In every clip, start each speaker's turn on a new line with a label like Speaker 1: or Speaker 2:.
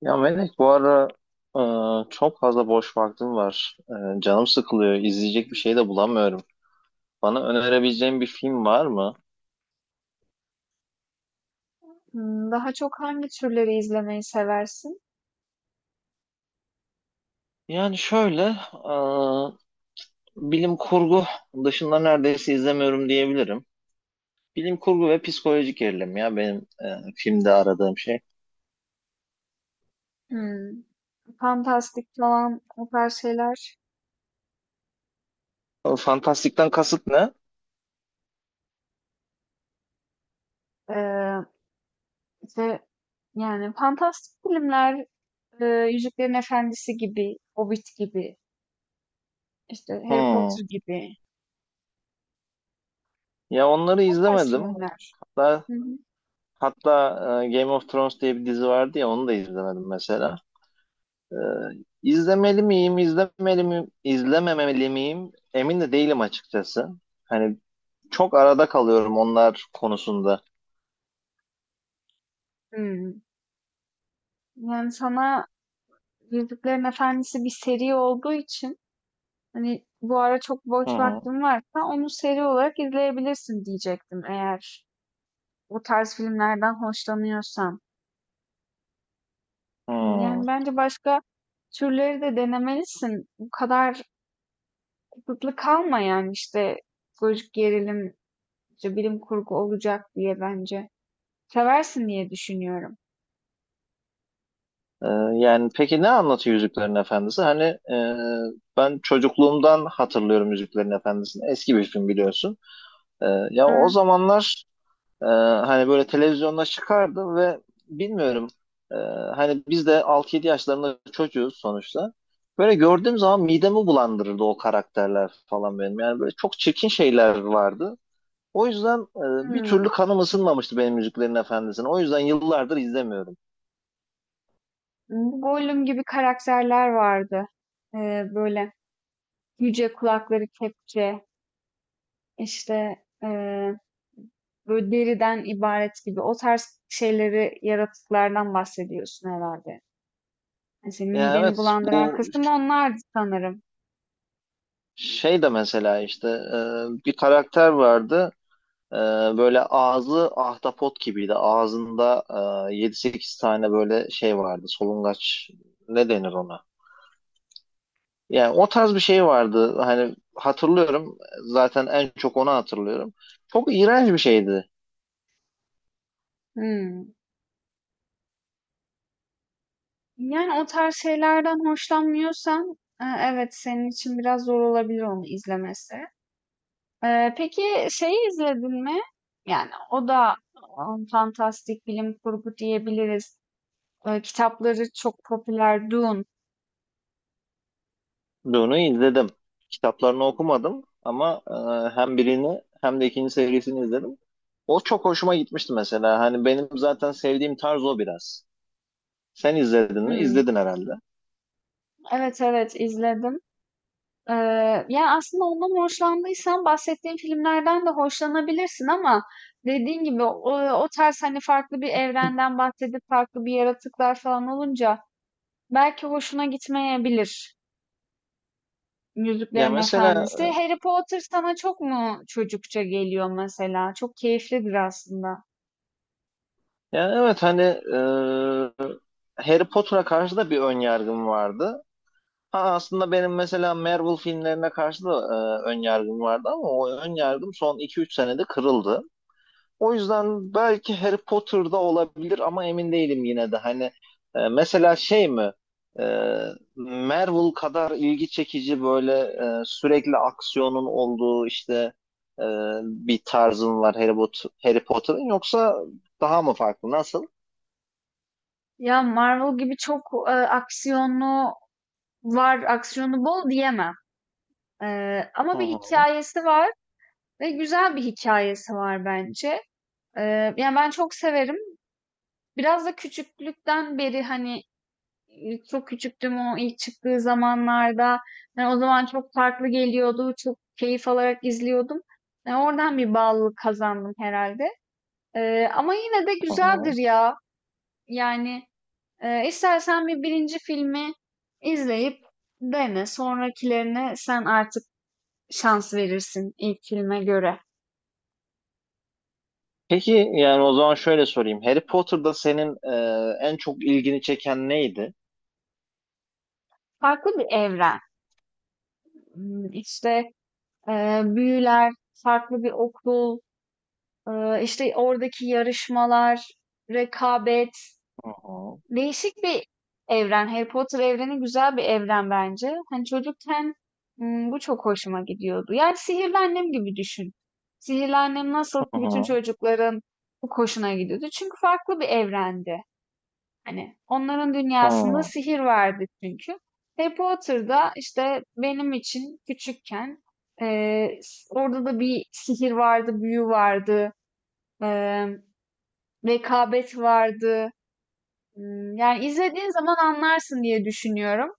Speaker 1: Ya Melek bu ara çok fazla boş vaktim var. Canım sıkılıyor. İzleyecek bir şey de bulamıyorum. Bana önerebileceğin bir film var mı?
Speaker 2: Daha çok hangi türleri izlemeyi seversin?
Speaker 1: Yani şöyle bilim kurgu dışında neredeyse izlemiyorum diyebilirim. Bilim kurgu ve psikolojik gerilim ya benim filmde aradığım şey.
Speaker 2: Hımm, fantastik falan o tarz şeyler.
Speaker 1: O fantastikten kasıt ne?
Speaker 2: Eee, işte, yani, fantastik filmler, Yüzüklerin Efendisi gibi, Hobbit gibi, işte, Harry
Speaker 1: Hmm.
Speaker 2: Potter gibi
Speaker 1: Ya onları
Speaker 2: o tarz
Speaker 1: izlemedim.
Speaker 2: filmler.
Speaker 1: Hatta
Speaker 2: Hı hı.
Speaker 1: hatta Game of Thrones diye bir dizi vardı ya onu da izlemedim mesela. Ee, izlemeli miyim, izlememeli miyim? Emin de değilim açıkçası. Hani çok arada kalıyorum onlar konusunda.
Speaker 2: Hımm. Yani, sana Yüzüklerin Efendisi bir seri olduğu için, hani, bu ara çok
Speaker 1: Hı
Speaker 2: boş
Speaker 1: hı.
Speaker 2: vaktin varsa onu seri olarak izleyebilirsin diyecektim eğer o tarz filmlerden hoşlanıyorsan.
Speaker 1: Hı.
Speaker 2: Yani bence başka türleri de denemelisin. Bu kadar kısıtlı kalma yani işte psikolojik gerilim, işte bilim kurgu olacak diye bence. Seversin diye düşünüyorum.
Speaker 1: Ee, Yani peki ne anlatıyor Yüzüklerin Efendisi? Hani e, ben çocukluğumdan hatırlıyorum Yüzüklerin Efendisi'ni. Eski bir film biliyorsun. Ee, Ya o
Speaker 2: Ha,
Speaker 1: zamanlar, hani böyle televizyonda çıkardı ve bilmiyorum, e, hani biz de 6 7 yaşlarında çocuğuz sonuçta. Böyle gördüğüm zaman midemi bulandırırdı o karakterler falan benim. Yani böyle çok çirkin şeyler vardı. O yüzden bir
Speaker 2: hmm.
Speaker 1: türlü kanım ısınmamıştı benim Yüzüklerin Efendisi'ne. O yüzden yıllardır izlemiyorum.
Speaker 2: Gollum gibi karakterler vardı. Ee, böyle yüce kulakları kepçe, işte ee, böyle deriden ibaret gibi o tarz şeyleri yaratıklardan bahsediyorsun herhalde. Yani senin
Speaker 1: Yani
Speaker 2: mideni
Speaker 1: evet,
Speaker 2: bulandıran
Speaker 1: bu
Speaker 2: kısım onlardı sanırım.
Speaker 1: şey de mesela, işte, bir karakter vardı. Ee, Böyle ağzı ahtapot gibiydi. Ağzında 7-8 tane böyle şey vardı. Solungaç ne denir ona? Yani o tarz bir şey vardı. Hani hatırlıyorum. Zaten en çok onu hatırlıyorum. Çok iğrenç bir şeydi.
Speaker 2: Hmm. Yani o tarz şeylerden hoşlanmıyorsan evet senin için biraz zor olabilir onu izlemesi. Peki şeyi izledin mi? Yani o da fantastik bilim kurgu diyebiliriz. Kitapları çok popüler. Dune.
Speaker 1: Dune'u izledim. Kitaplarını okumadım ama hem birini hem de ikinci serisini izledim. O çok hoşuma gitmişti mesela. Hani benim zaten sevdiğim tarz o biraz. Sen izledin mi?
Speaker 2: Hmm,
Speaker 1: İzledin herhalde.
Speaker 2: Evet, evet, izledim. E, yani aslında ondan hoşlandıysan bahsettiğim filmlerden de hoşlanabilirsin ama dediğin gibi o, o tarz hani farklı bir evrenden bahsedip farklı bir yaratıklar falan olunca belki hoşuna gitmeyebilir
Speaker 1: Ya
Speaker 2: Yüzüklerin
Speaker 1: mesela,
Speaker 2: Efendisi. Harry Potter sana çok mu çocukça geliyor mesela? Çok keyiflidir aslında.
Speaker 1: yani evet hani e, Harry Potter'a karşı da bir ön yargım vardı. Ha, aslında benim mesela Marvel filmlerine karşı da ön yargım vardı ama o ön yargım son 2-3 senede kırıldı. O yüzden belki Harry Potter'da olabilir ama emin değilim yine de. Hani mesela şey mi? E, Marvel kadar ilgi çekici, böyle, sürekli aksiyonun olduğu, işte, e, bir tarzın var Harry Potter'ın yoksa daha mı farklı? Nasıl?
Speaker 2: Ya Marvel gibi çok aksiyonlu var, aksiyonu bol diyemem. E,
Speaker 1: Hı
Speaker 2: ama bir
Speaker 1: hı,
Speaker 2: hikayesi var ve güzel bir hikayesi var bence. E, yani ben çok severim. Biraz da küçüklükten beri hani çok küçüktüm o ilk çıktığı zamanlarda. Hani o zaman çok farklı geliyordu. Çok keyif alarak izliyordum. Yani oradan bir bağlılık kazandım herhalde. Ama yine de
Speaker 1: hı
Speaker 2: güzeldir
Speaker 1: hı.
Speaker 2: ya. Yani istersen bir birinci filmi izleyip dene. Sonrakilerine sen artık şans verirsin ilk filme göre.
Speaker 1: Peki yani o zaman şöyle sorayım. Harry Potter'da senin en çok ilgini çeken neydi?
Speaker 2: Farklı bir evren. İşte büyüler, farklı bir okul, işte oradaki yarışmalar, rekabet,
Speaker 1: Hı hı,
Speaker 2: değişik bir evren. Harry Potter evreni güzel bir evren bence. Hani çocukken bu çok hoşuma gidiyordu. Yani Sihirli Annem gibi düşün. Sihirli Annem nasıl ki
Speaker 1: hı
Speaker 2: bütün
Speaker 1: hı,
Speaker 2: çocukların bu hoşuna gidiyordu. Çünkü farklı bir evrendi. Hani onların dünyasında sihir vardı çünkü. Harry Potter'da işte benim için küçükken eee, orada da bir sihir vardı, büyü vardı. Eee Rekabet vardı. Yani izlediğin zaman anlarsın diye düşünüyorum.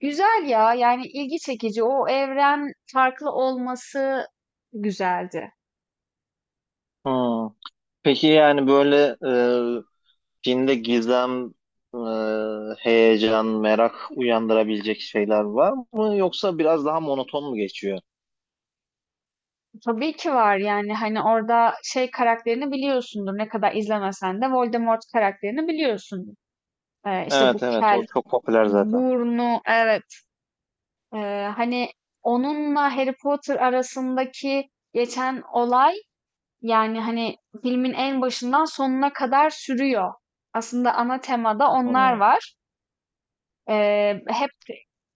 Speaker 2: Güzel ya, yani ilgi çekici. O evren farklı olması güzeldi.
Speaker 1: hı hı. Peki yani böyle, e, filmde gizem, heyecan, merak uyandırabilecek şeyler var mı? Yoksa biraz daha monoton mu geçiyor?
Speaker 2: Tabii ki var yani, hani, orada şey karakterini biliyorsundur, ne kadar izlemesen de Voldemort karakterini biliyorsundur. İşte
Speaker 1: Evet,
Speaker 2: bu
Speaker 1: evet, o
Speaker 2: kel,
Speaker 1: çok popüler zaten.
Speaker 2: burnu. Evet. Hani, onunla Harry Potter arasındaki geçen olay yani, hani, filmin en başından sonuna kadar sürüyor. Aslında ana temada onlar
Speaker 1: Hı.
Speaker 2: var. Hep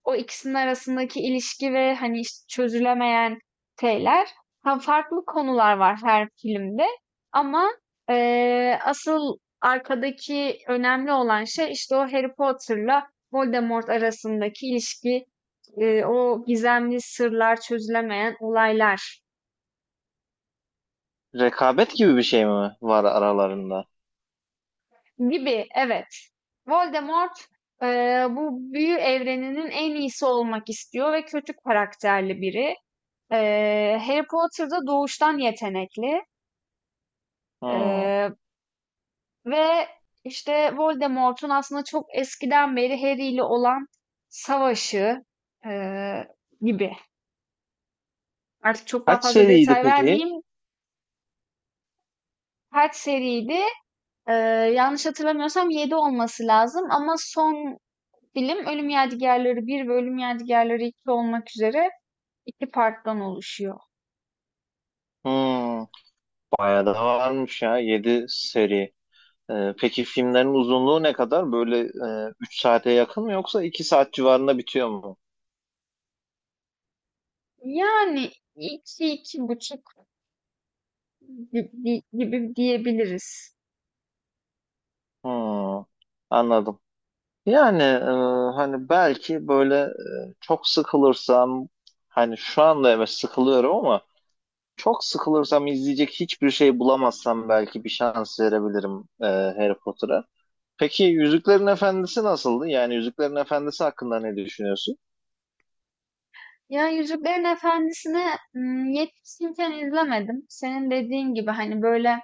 Speaker 2: o ikisinin arasındaki ilişki ve, hani, işte, çözülemeyen şeyler. Ha, farklı konular var her filmde ama, asıl arkadaki önemli olan şey, işte, o Harry Potter'la Voldemort arasındaki ilişki, o gizemli sırlar, çözülemeyen olaylar.
Speaker 1: Rekabet gibi bir şey mi var aralarında?
Speaker 2: Gibi, evet. Voldemort bu büyü evreninin en iyisi olmak istiyor ve kötü karakterli biri. Harry Potter da doğuştan yetenekli.
Speaker 1: Hı.
Speaker 2: Eee, ve işte Voldemort'un aslında çok eskiden beri Harry ile olan savaşı eee, gibi. Artık çok daha
Speaker 1: Kaç
Speaker 2: fazla
Speaker 1: seriydi
Speaker 2: detay
Speaker 1: peki?
Speaker 2: vermeyeyim. Kaç seriydi? Eee, yanlış hatırlamıyorsam 7 olması lazım ama son film Ölüm Yadigarları bir ve Ölüm Yadigarları 2 olmak üzere iki parttan oluşuyor.
Speaker 1: Hı. Bayağı da varmış ya, 7 seri. Peki filmlerin uzunluğu ne kadar? Böyle, 3 saate yakın mı yoksa 2 saat civarında bitiyor mu?
Speaker 2: Yani iki, iki buçuk gibi diyebiliriz.
Speaker 1: Hmm, anladım. Yani hani belki böyle, çok sıkılırsam, hani şu anda evet sıkılıyorum ama çok sıkılırsam, izleyecek hiçbir şey bulamazsam belki bir şans verebilirim Harry Potter'a. Peki Yüzüklerin Efendisi nasıldı? Yani Yüzüklerin Efendisi hakkında ne düşünüyorsun?
Speaker 2: Ya Yüzüklerin Efendisi'ni yetişkinken izlemedim. Senin dediğin gibi hani böyle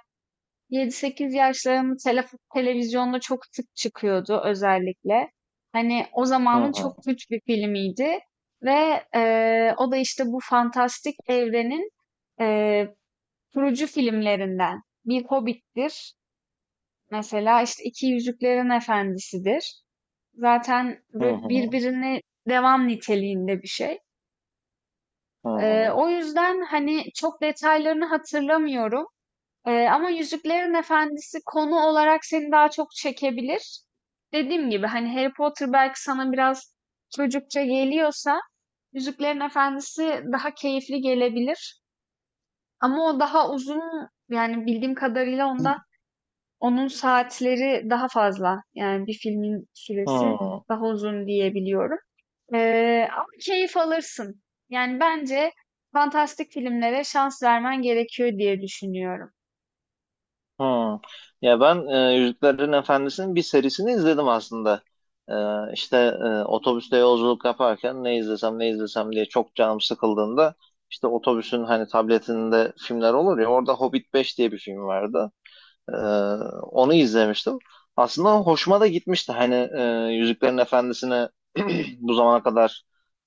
Speaker 2: yedi sekiz yaşlarım televizyonda çok sık çıkıyordu özellikle. Hani o
Speaker 1: Hı
Speaker 2: zamanın çok
Speaker 1: hı.
Speaker 2: güç bir filmiydi ve o da işte bu fantastik evrenin eee kurucu filmlerinden. Bir Hobbit'tir. Mesela işte İki Yüzüklerin Efendisi'dir. Zaten
Speaker 1: Hı
Speaker 2: böyle
Speaker 1: hı.
Speaker 2: birbirine devam niteliğinde bir şey.
Speaker 1: Hı hı.
Speaker 2: O yüzden hani çok detaylarını hatırlamıyorum. Ama Yüzüklerin Efendisi konu olarak seni daha çok çekebilir. Dediğim gibi hani Harry Potter belki sana biraz çocukça geliyorsa Yüzüklerin Efendisi daha keyifli gelebilir. Ama o daha uzun yani bildiğim kadarıyla ondan onun saatleri daha fazla. Yani bir filmin süresi
Speaker 1: Hı.
Speaker 2: daha uzun diyebiliyorum. Ama keyif alırsın. Yani bence fantastik filmlere şans vermen gerekiyor diye düşünüyorum.
Speaker 1: Hmm. Ya ben, Yüzüklerin Efendisi'nin bir serisini izledim aslında. E, işte otobüste yolculuk yaparken ne izlesem ne izlesem diye çok canım sıkıldığında, işte otobüsün hani tabletinde filmler olur ya, orada Hobbit 5 diye bir film vardı. Ee, Onu izlemiştim. Aslında hoşuma da gitmişti. Hani Yüzüklerin Efendisi'ne bu zamana kadar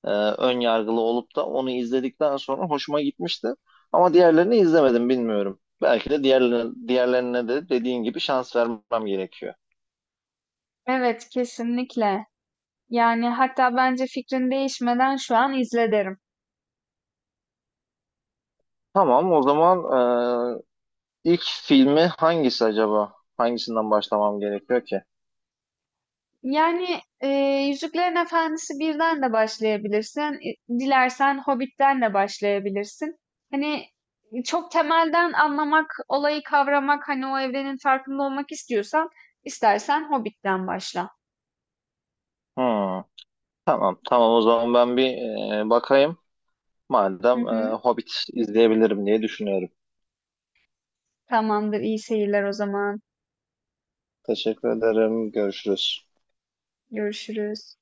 Speaker 1: ön yargılı olup da onu izledikten sonra hoşuma gitmişti. Ama diğerlerini izlemedim, bilmiyorum. Belki de diğerlerine de dediğin gibi şans vermem gerekiyor.
Speaker 2: Evet, kesinlikle. Yani hatta bence fikrin değişmeden şu an izle derim.
Speaker 1: Tamam, o zaman e, ilk filmi hangisi acaba? Hangisinden başlamam gerekiyor ki?
Speaker 2: Yani Yüzüklerin Efendisi birden de başlayabilirsin. Dilersen Hobbit'ten de başlayabilirsin. Hani çok temelden anlamak, olayı kavramak, hani o evrenin farkında olmak istiyorsan, istersen Hobbit'ten başla.
Speaker 1: Hmm, tamam, tamam, o zaman ben bir, bakayım.
Speaker 2: Hı
Speaker 1: Madem,
Speaker 2: hı.
Speaker 1: Hobbit izleyebilirim diye düşünüyorum.
Speaker 2: Tamamdır, iyi seyirler o zaman.
Speaker 1: Teşekkür ederim. Görüşürüz.
Speaker 2: Görüşürüz.